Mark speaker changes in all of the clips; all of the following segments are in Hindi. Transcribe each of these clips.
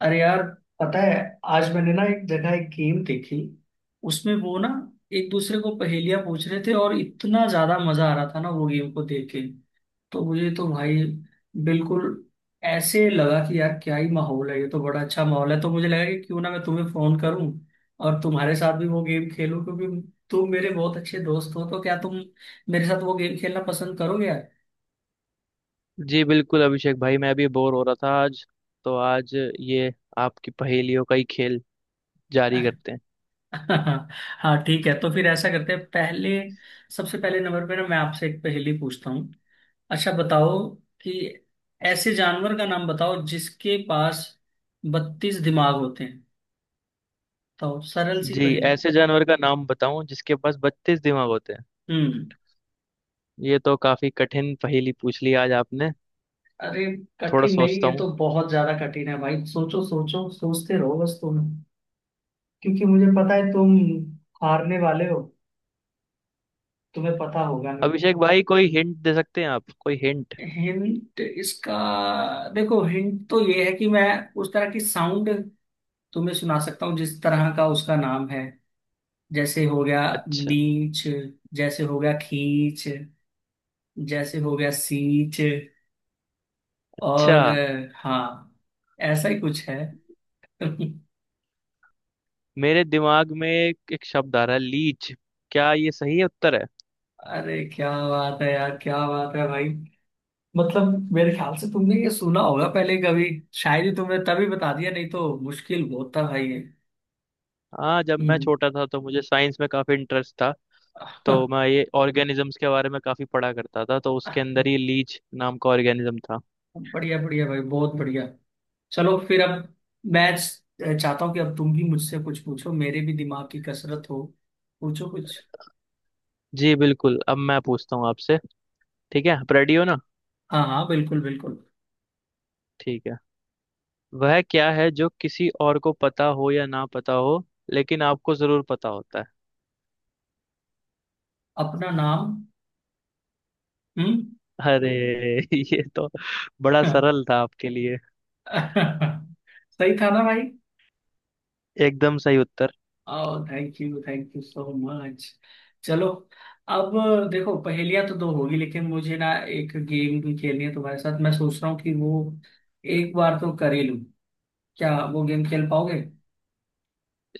Speaker 1: अरे यार, पता है, आज मैंने ना एक जगह एक गेम देखी। उसमें वो ना एक दूसरे को पहेलियां पूछ रहे थे और इतना ज्यादा मजा आ रहा था ना वो गेम को देख के। तो मुझे तो भाई, बिल्कुल ऐसे लगा कि यार क्या ही माहौल है, ये तो बड़ा अच्छा माहौल है। तो मुझे लगा कि क्यों ना मैं तुम्हें फोन करूं और तुम्हारे साथ भी वो गेम खेलूं, क्योंकि तुम मेरे बहुत अच्छे दोस्त हो। तो क्या तुम मेरे साथ वो गेम खेलना पसंद करोगे यार?
Speaker 2: जी बिल्कुल अभिषेक भाई। मैं भी बोर हो रहा था आज। तो आज ये आपकी पहेलियों का ही खेल जारी करते हैं।
Speaker 1: हाँ, ठीक है। तो फिर ऐसा करते हैं, पहले सबसे पहले नंबर पे ना मैं आपसे एक पहेली पूछता हूँ। अच्छा बताओ कि ऐसे जानवर का नाम बताओ जिसके पास 32 दिमाग होते हैं। तो सरल सी
Speaker 2: जी,
Speaker 1: पहेली।
Speaker 2: ऐसे जानवर का नाम बताऊं जिसके पास 32 दिमाग होते हैं?
Speaker 1: हम्म।
Speaker 2: ये तो काफी कठिन पहेली पूछ ली आज आपने।
Speaker 1: अरे,
Speaker 2: थोड़ा
Speaker 1: कठिन नहीं,
Speaker 2: सोचता
Speaker 1: ये
Speaker 2: हूँ।
Speaker 1: तो बहुत ज्यादा कठिन है भाई। सोचो, सोचो, सोचते रहो बस तुम, क्योंकि मुझे पता है तुम हारने वाले हो। तुम्हें पता होगा नहीं।
Speaker 2: अभिषेक भाई, कोई हिंट दे सकते हैं आप? कोई हिंट?
Speaker 1: हिंट इसका, देखो हिंट तो ये है कि मैं उस तरह की साउंड तुम्हें सुना सकता हूँ जिस तरह का उसका नाम है। जैसे हो गया
Speaker 2: अच्छा।
Speaker 1: नीच, जैसे हो गया खींच, जैसे हो गया सीच
Speaker 2: अच्छा,
Speaker 1: और हाँ, ऐसा ही कुछ है।
Speaker 2: मेरे दिमाग में एक शब्द आ रहा है, लीच। क्या ये सही उत्तर है?
Speaker 1: अरे क्या बात है यार, क्या बात है भाई! मतलब मेरे ख्याल से तुमने ये सुना होगा पहले कभी, शायद, ही तुमने तभी बता दिया, नहीं तो मुश्किल बहुत था भाई ये।
Speaker 2: हाँ, जब मैं छोटा था तो मुझे साइंस में काफी इंटरेस्ट था। तो
Speaker 1: हम्म।
Speaker 2: मैं ये ऑर्गेनिजम्स के बारे में काफी पढ़ा करता था, तो उसके अंदर ही लीच नाम का ऑर्गेनिज्म था।
Speaker 1: बढ़िया, बढ़िया भाई, बहुत बढ़िया। चलो फिर अब मैं चाहता हूँ कि अब तुम भी मुझसे कुछ पूछो, मेरे भी दिमाग की कसरत हो। पूछो कुछ।
Speaker 2: जी बिल्कुल, अब मैं पूछता हूँ आपसे। ठीक है, आप रेडी हो ना?
Speaker 1: हाँ हाँ, बिल्कुल बिल्कुल।
Speaker 2: ठीक है। वह क्या है जो किसी और को पता हो या ना पता हो, लेकिन आपको जरूर पता होता है?
Speaker 1: अपना नाम। हम्म।
Speaker 2: अरे ये तो बड़ा सरल था आपके लिए।
Speaker 1: सही था ना भाई?
Speaker 2: एकदम सही उत्तर।
Speaker 1: ओह, thank you, thank you so much. चलो अब, देखो पहेलियां तो दो होगी, लेकिन मुझे ना एक गेम भी खेलनी है तुम्हारे साथ। मैं सोच रहा हूँ कि वो एक बार तो कर ही लूं। क्या वो गेम खेल पाओगे?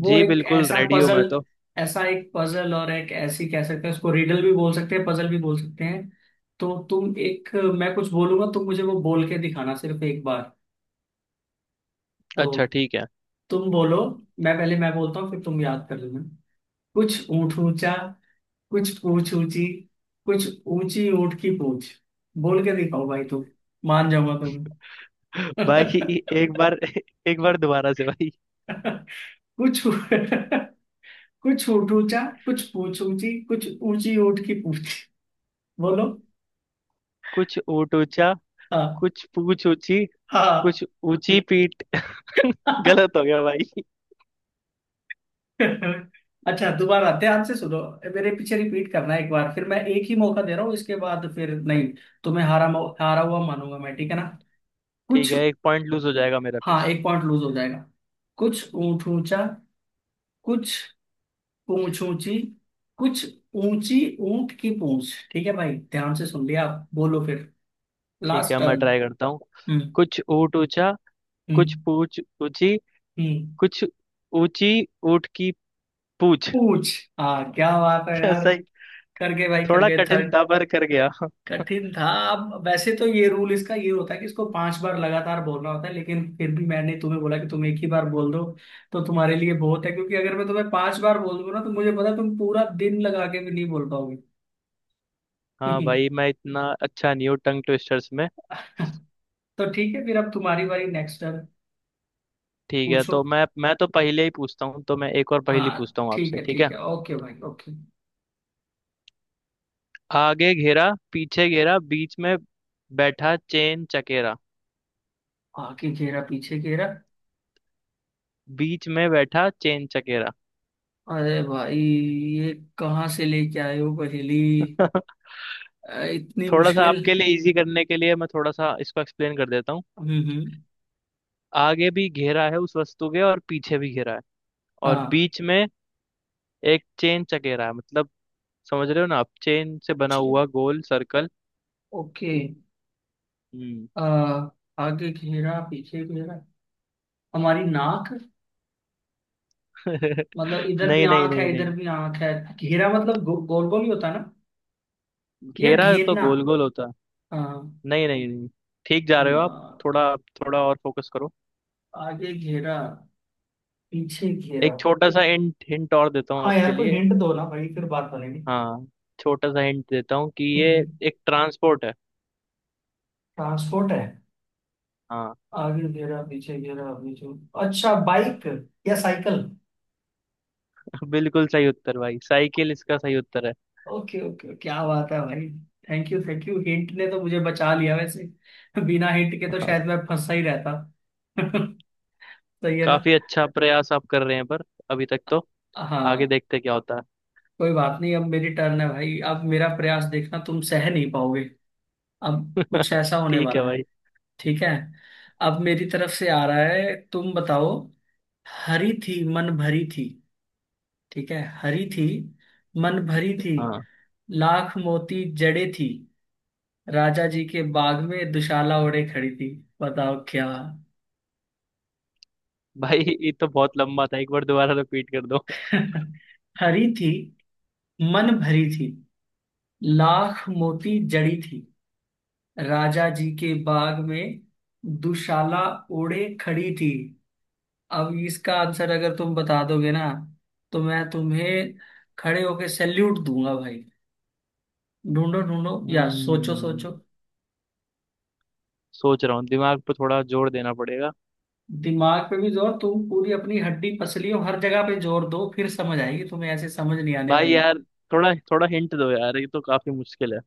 Speaker 1: वो
Speaker 2: जी
Speaker 1: एक
Speaker 2: बिल्कुल,
Speaker 1: ऐसा
Speaker 2: रेडी हूँ
Speaker 1: पजल,
Speaker 2: मैं तो।
Speaker 1: ऐसा एक पजल, और एक ऐसी, कह सकते हैं उसको रिडल भी बोल सकते हैं, पजल भी बोल सकते हैं। तो तुम एक, मैं कुछ बोलूंगा, तुम मुझे वो बोल के दिखाना सिर्फ एक बार।
Speaker 2: अच्छा
Speaker 1: तो
Speaker 2: ठीक है
Speaker 1: तुम बोलो, मैं पहले, मैं बोलता हूँ फिर तुम याद कर लेना। कुछ ऊंट ऊंचा, कुछ पूंछ ऊंची, कुछ ऊंची ऊंट की पूंछ। बोल के दिखाओ भाई तुम, मान जाऊंगा
Speaker 2: भाई।
Speaker 1: तुम्हें।
Speaker 2: एक बार, एक बार दोबारा से भाई।
Speaker 1: कुछ, कुछ ऊंट ऊंचा, कुछ पूंछ ऊंची, कुछ ऊंची ऊंट की पूंछ। बोलो।
Speaker 2: कुछ ऊंट ऊंचा,
Speaker 1: हाँ।
Speaker 2: कुछ पूंछ ऊंची, कुछ
Speaker 1: हाँ।
Speaker 2: ऊंची पीठ। गलत हो गया भाई।
Speaker 1: अच्छा, दोबारा ध्यान से सुनो। मेरे पीछे रिपीट करना एक बार फिर। मैं एक ही मौका दे रहा हूँ, इसके बाद फिर नहीं, तुम्हें हारा हारा हुआ मानूंगा मैं, ठीक है ना?
Speaker 2: ठीक
Speaker 1: कुछ।
Speaker 2: है, एक पॉइंट लूज हो जाएगा मेरा
Speaker 1: हाँ,
Speaker 2: फिर।
Speaker 1: एक पॉइंट लूज हो जाएगा। कुछ ऊंट ऊंचा, कुछ पूंछ ऊंची, कुछ ऊंची ऊंट की पूंछ। ठीक है भाई, ध्यान से सुन लिया? आप बोलो फिर,
Speaker 2: ठीक
Speaker 1: लास्ट
Speaker 2: है, मैं
Speaker 1: टर्न।
Speaker 2: ट्राई करता हूँ।
Speaker 1: हम्म।
Speaker 2: कुछ ऊँट ऊंचा, कुछ
Speaker 1: हम्म।
Speaker 2: पूछ ऊंची,
Speaker 1: हम्म।
Speaker 2: कुछ ऊंची ऊँट की पूछ।
Speaker 1: पूंछ। हाँ, क्या बात है
Speaker 2: क्या
Speaker 1: यार,
Speaker 2: सही?
Speaker 1: कर गए भाई, कर
Speaker 2: थोड़ा
Speaker 1: गए
Speaker 2: कठिन था
Speaker 1: थर्ड।
Speaker 2: पर कर गया।
Speaker 1: कठिन था। अब वैसे तो ये रूल इसका ये होता है कि इसको 5 बार लगातार बोलना होता है, लेकिन फिर भी मैंने तुम्हें बोला कि तुम एक ही बार बोल दो, तो तुम्हारे लिए बहुत है। क्योंकि अगर मैं तुम्हें 5 बार बोल दूंगा ना, तो मुझे पता है तुम पूरा दिन लगा के भी नहीं बोल पाओगे।
Speaker 2: हाँ भाई, मैं इतना अच्छा नहीं हूँ टंग ट्विस्टर्स में।
Speaker 1: तो ठीक है फिर, अब तुम्हारी बारी, नेक्स्ट टर्न।
Speaker 2: ठीक है,
Speaker 1: पूछो।
Speaker 2: तो मैं तो पहले ही पूछता हूँ, तो मैं एक और पहेली
Speaker 1: हाँ
Speaker 2: पूछता हूँ
Speaker 1: ठीक
Speaker 2: आपसे,
Speaker 1: है,
Speaker 2: ठीक
Speaker 1: ठीक
Speaker 2: है।
Speaker 1: है, ओके भाई, ओके।
Speaker 2: आगे घेरा पीछे घेरा बीच में बैठा चेन चकेरा।
Speaker 1: आगे घेरा, पीछे घेरा।
Speaker 2: बीच में बैठा चेन चकेरा।
Speaker 1: अरे भाई ये कहाँ से लेके आए हो पहेली! इतनी
Speaker 2: थोड़ा सा
Speaker 1: मुश्किल!
Speaker 2: आपके लिए इजी करने के लिए मैं थोड़ा सा इसको एक्सप्लेन कर देता हूँ।
Speaker 1: हम्म, हम्म।
Speaker 2: आगे भी घेरा है उस वस्तु के, और पीछे भी घेरा है, और
Speaker 1: हाँ।
Speaker 2: बीच में एक चेन चकेरा है। मतलब, समझ रहे हो ना आप, चेन से बना
Speaker 1: जी,
Speaker 2: हुआ गोल सर्कल।
Speaker 1: ओके।
Speaker 2: हम्म।
Speaker 1: आ, आगे घेरा, पीछे घेरा, हमारी नाक? मतलब इधर भी
Speaker 2: नहीं नहीं
Speaker 1: आंख
Speaker 2: नहीं
Speaker 1: है,
Speaker 2: नहीं,
Speaker 1: इधर भी आंख है। घेरा मतलब गोल गोल ही होता है ना? या
Speaker 2: घेरा तो
Speaker 1: घेरना?
Speaker 2: गोल गोल होता।
Speaker 1: आ,
Speaker 2: नहीं नहीं नहीं, ठीक जा रहे हो
Speaker 1: या
Speaker 2: आप। थोड़ा थोड़ा और फोकस करो।
Speaker 1: आगे घेरा, पीछे घेरा।
Speaker 2: एक छोटा सा हिंट हिंट और देता हूँ
Speaker 1: हाँ
Speaker 2: आपके
Speaker 1: यार, कोई
Speaker 2: लिए।
Speaker 1: हिंट दो ना भाई, फिर बात बनेगी।
Speaker 2: हाँ, छोटा सा हिंट देता हूँ कि ये एक ट्रांसपोर्ट है।
Speaker 1: ट्रांसपोर्ट है?
Speaker 2: हाँ।
Speaker 1: आगे घेरा, पीछे घेरा, पीछे, अच्छा, बाइक? या साइकिल?
Speaker 2: बिल्कुल सही उत्तर भाई, साइकिल इसका सही उत्तर है।
Speaker 1: ओके, ओके, क्या बात है भाई! Thank you, thank you, hint ने तो मुझे बचा लिया वैसे, बिना हिंट के तो
Speaker 2: हाँ,
Speaker 1: शायद मैं फंसा ही रहता। सही है ना?
Speaker 2: काफी अच्छा प्रयास आप कर रहे हैं, पर अभी तक तो आगे
Speaker 1: हाँ।
Speaker 2: देखते क्या होता
Speaker 1: कोई बात नहीं, अब मेरी टर्न है भाई, अब मेरा प्रयास देखना तुम सह नहीं पाओगे। अब
Speaker 2: है।
Speaker 1: कुछ ऐसा होने
Speaker 2: ठीक है
Speaker 1: वाला है।
Speaker 2: भाई।
Speaker 1: ठीक है, अब मेरी तरफ से आ रहा है, तुम बताओ। हरी थी, मन भरी थी। ठीक है, हरी थी, मन भरी थी,
Speaker 2: हाँ
Speaker 1: लाख मोती जड़े थी, राजा जी के बाग में दुशाला ओढ़े खड़ी थी। बताओ क्या?
Speaker 2: भाई, ये तो बहुत लंबा था, एक बार दोबारा रिपीट कर दो।
Speaker 1: हरी थी, मन भरी थी, लाख मोती जड़ी थी, राजा जी के बाग में दुशाला ओढ़े खड़ी थी। अब इसका आंसर अगर तुम बता दोगे ना, तो मैं तुम्हें खड़े होके सैल्यूट दूंगा भाई। ढूंढो ढूंढो, या सोचो
Speaker 2: हम्म,
Speaker 1: सोचो।
Speaker 2: सोच रहा हूँ, दिमाग पे थोड़ा जोर देना पड़ेगा।
Speaker 1: दिमाग पे भी जोर, तुम पूरी अपनी हड्डी पसलियों, हर जगह पे जोर दो, फिर समझ आएगी तुम्हें, ऐसे समझ नहीं आने
Speaker 2: भाई
Speaker 1: वाली।
Speaker 2: यार, थोड़ा थोड़ा हिंट दो यार, ये तो काफी मुश्किल है।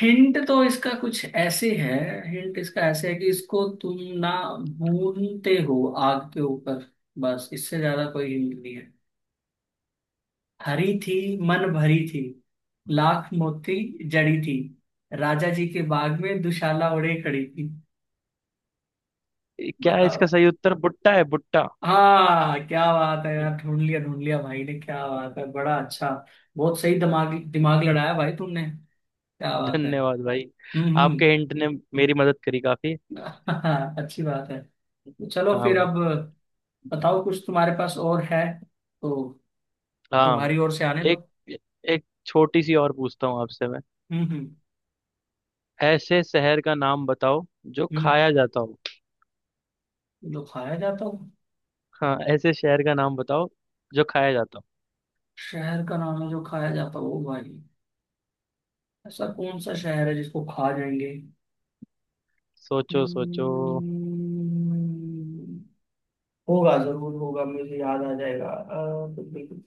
Speaker 1: हिंट तो इसका कुछ ऐसे है, हिंट इसका ऐसे है कि इसको तुम ना भूनते हो आग के ऊपर, बस इससे ज्यादा कोई हिंट नहीं है। हरी थी, मन भरी थी, लाख मोती जड़ी थी, राजा जी के बाग में दुशाला ओढ़े खड़ी थी।
Speaker 2: ये क्या है, इसका
Speaker 1: बताओ।
Speaker 2: सही उत्तर भुट्टा है, भुट्टा।
Speaker 1: हाँ, क्या बात है यार, ढूंढ लिया, ढूंढ लिया भाई ने, क्या बात है, बड़ा अच्छा! बहुत सही, दिमाग दिमाग लड़ाया भाई तुमने, क्या बात है!
Speaker 2: धन्यवाद भाई,
Speaker 1: हम्म, हम्म।
Speaker 2: आपके हिंट ने मेरी मदद करी काफी।
Speaker 1: अच्छी बात है। तो चलो
Speaker 2: हाँ
Speaker 1: फिर
Speaker 2: भाई।
Speaker 1: अब बताओ, कुछ तुम्हारे पास और है तो
Speaker 2: हाँ,
Speaker 1: तुम्हारी ओर से आने दो।
Speaker 2: एक एक छोटी सी और पूछता हूँ आपसे मैं।
Speaker 1: हम्म, हम्म।
Speaker 2: ऐसे शहर का नाम बताओ जो
Speaker 1: हम्म।
Speaker 2: खाया जाता हो।
Speaker 1: जो खाया जाता हो?
Speaker 2: हाँ, ऐसे शहर का नाम बताओ जो खाया जाता हो।
Speaker 1: शहर का नाम है जो खाया जाता हो भाई? ऐसा कौन सा शहर है जिसको खा जाएंगे?
Speaker 2: सोचो सोचो।
Speaker 1: Hmm, होगा, जरूर होगा, मुझे याद आ जाएगा। तो बिल्कुल,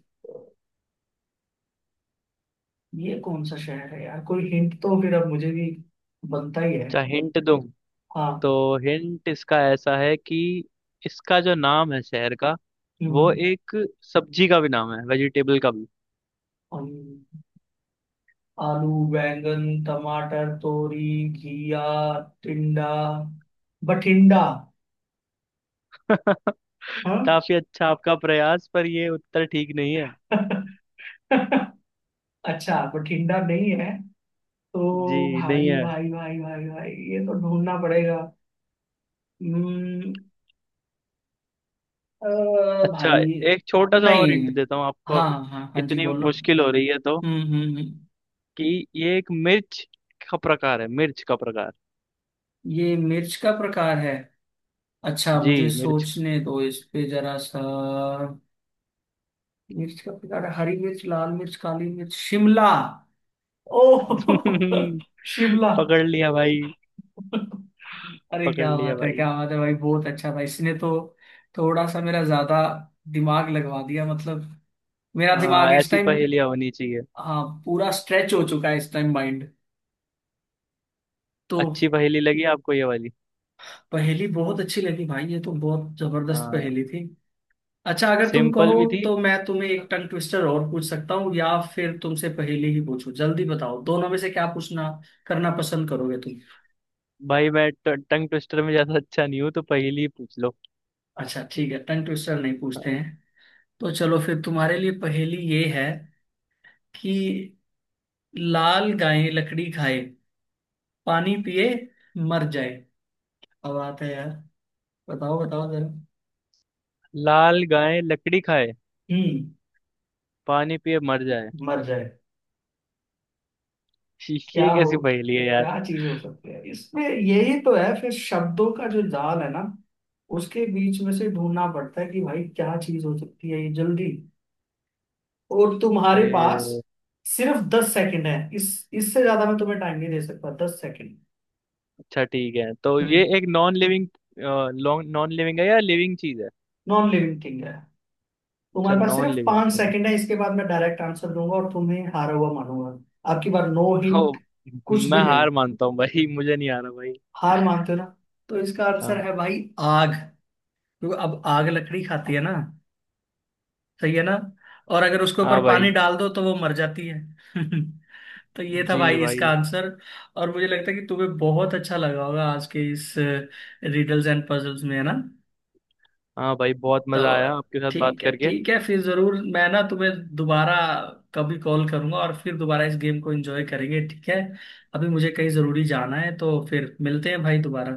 Speaker 1: ये कौन सा शहर है यार? कोई हिंट तो फिर अब मुझे भी बनता ही है।
Speaker 2: अच्छा, हिंट दूँ? तो
Speaker 1: हाँ।
Speaker 2: हिंट इसका ऐसा है कि इसका जो नाम है शहर का, वो
Speaker 1: हम्म।
Speaker 2: एक सब्जी का भी नाम है, वेजिटेबल का भी।
Speaker 1: हम। आलू, बैंगन, टमाटर, तोरी, घिया, टिंडा, बठिंडा। हाँ।
Speaker 2: काफी अच्छा आपका प्रयास, पर ये उत्तर ठीक नहीं है।
Speaker 1: अच्छा, बठिंडा नहीं है तो?
Speaker 2: जी नहीं
Speaker 1: भाई
Speaker 2: है।
Speaker 1: भाई भाई भाई भाई, ये तो ढूंढना पड़ेगा। हम्म, अ,
Speaker 2: अच्छा,
Speaker 1: भाई।
Speaker 2: एक छोटा सा
Speaker 1: नहीं,
Speaker 2: और हिंट देता हूँ आपको,
Speaker 1: हाँ हाँ हाँ हाँ, जी
Speaker 2: इतनी
Speaker 1: बोलो।
Speaker 2: मुश्किल हो रही है तो।
Speaker 1: हम्म, हम्म। हम्म।
Speaker 2: कि ये एक मिर्च का प्रकार है, मिर्च का प्रकार।
Speaker 1: ये मिर्च का प्रकार है? अच्छा,
Speaker 2: जी,
Speaker 1: मुझे
Speaker 2: मिर्च।
Speaker 1: सोचने दो इस पे जरा सा। मिर्च का प्रकार है, हरी मिर्च, लाल मिर्च, काली मिर्च, शिमला! ओह! शिमला!
Speaker 2: पकड़ लिया भाई,
Speaker 1: अरे
Speaker 2: पकड़
Speaker 1: क्या
Speaker 2: लिया
Speaker 1: बात है,
Speaker 2: भाई।
Speaker 1: क्या बात है भाई, बहुत अच्छा था इसने तो, थोड़ा सा मेरा ज्यादा दिमाग लगवा दिया। मतलब मेरा
Speaker 2: आ,
Speaker 1: दिमाग इस
Speaker 2: ऐसी
Speaker 1: टाइम,
Speaker 2: पहेलियां होनी चाहिए।
Speaker 1: हाँ, पूरा स्ट्रेच हो चुका है इस टाइम माइंड। तो
Speaker 2: अच्छी पहेली लगी आपको ये वाली?
Speaker 1: पहेली बहुत अच्छी लगी भाई, ये तो बहुत जबरदस्त
Speaker 2: आ,
Speaker 1: पहेली थी। अच्छा, अगर तुम कहो
Speaker 2: सिंपल भी थी।
Speaker 1: तो मैं तुम्हें एक टंग ट्विस्टर और पूछ सकता हूँ, या फिर तुमसे पहेली ही पूछूं? जल्दी बताओ, दोनों में से क्या पूछना करना पसंद करोगे तुम?
Speaker 2: भाई, मैं टंग ट्विस्टर में ज्यादा अच्छा नहीं हूँ, तो पहेली ही पूछ लो।
Speaker 1: अच्छा ठीक है, टंग ट्विस्टर नहीं पूछते हैं। तो चलो फिर तुम्हारे लिए पहेली ये है कि, लाल गाय लकड़ी खाए, पानी पिए, मर जाए। अब आता है यार, बताओ बताओ जरा।
Speaker 2: लाल गाय लकड़ी खाए,
Speaker 1: हम्म।
Speaker 2: पानी पिए मर जाए।
Speaker 1: मर जाए। क्या
Speaker 2: ये
Speaker 1: हो?
Speaker 2: कैसी पहेली है यार।
Speaker 1: क्या चीज हो सकती है इसमें? यही तो है फिर, शब्दों का जो जाल है ना, उसके बीच में से ढूंढना पड़ता है कि भाई क्या चीज हो सकती है ये। जल्दी, और तुम्हारे
Speaker 2: अरे,
Speaker 1: पास सिर्फ 10 सेकंड है, इस इससे ज्यादा मैं तुम्हें टाइम नहीं दे सकता, 10 सेकंड।
Speaker 2: अच्छा ठीक है, तो ये
Speaker 1: हम्म।
Speaker 2: एक नॉन लिविंग। नॉन लिविंग है या लिविंग चीज है?
Speaker 1: नॉन लिविंग थिंग है।
Speaker 2: अच्छा,
Speaker 1: तुम्हारे पास
Speaker 2: नॉन
Speaker 1: सिर्फ
Speaker 2: लिविंग
Speaker 1: पांच
Speaker 2: थिंग।
Speaker 1: सेकंड है, इसके बाद मैं डायरेक्ट आंसर दूंगा और तुम्हें हारा हुआ मानूंगा। आपकी बार नो
Speaker 2: तो
Speaker 1: हिंट, कुछ
Speaker 2: मैं
Speaker 1: भी नहीं।
Speaker 2: हार मानता हूँ भाई, मुझे नहीं आ रहा भाई।
Speaker 1: हार मानते हो ना? तो इसका आंसर
Speaker 2: हाँ।
Speaker 1: है भाई, आग! क्योंकि अब आग लकड़ी खाती है ना? सही है ना? और अगर उसके
Speaker 2: हाँ
Speaker 1: ऊपर
Speaker 2: भाई।
Speaker 1: पानी डाल दो तो वो मर जाती है। तो ये था
Speaker 2: जी
Speaker 1: भाई इसका
Speaker 2: भाई।
Speaker 1: आंसर। और मुझे लगता है कि तुम्हें बहुत अच्छा लगा होगा आज के इस रिडल्स एंड पजल्स में, है ना?
Speaker 2: हाँ भाई, बहुत मजा आया
Speaker 1: तो
Speaker 2: आपके साथ बात
Speaker 1: ठीक है,
Speaker 2: करके।
Speaker 1: ठीक है, फिर जरूर मैं ना तुम्हें दोबारा कभी कॉल करूंगा और फिर दोबारा इस गेम को एंजॉय करेंगे, ठीक है? अभी मुझे कहीं जरूरी जाना है तो फिर मिलते हैं भाई दोबारा।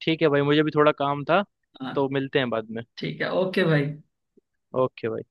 Speaker 2: ठीक है भाई, मुझे भी थोड़ा काम था।
Speaker 1: हाँ,
Speaker 2: तो मिलते हैं बाद में।
Speaker 1: ठीक है, ओके भाई।
Speaker 2: ओके भाई।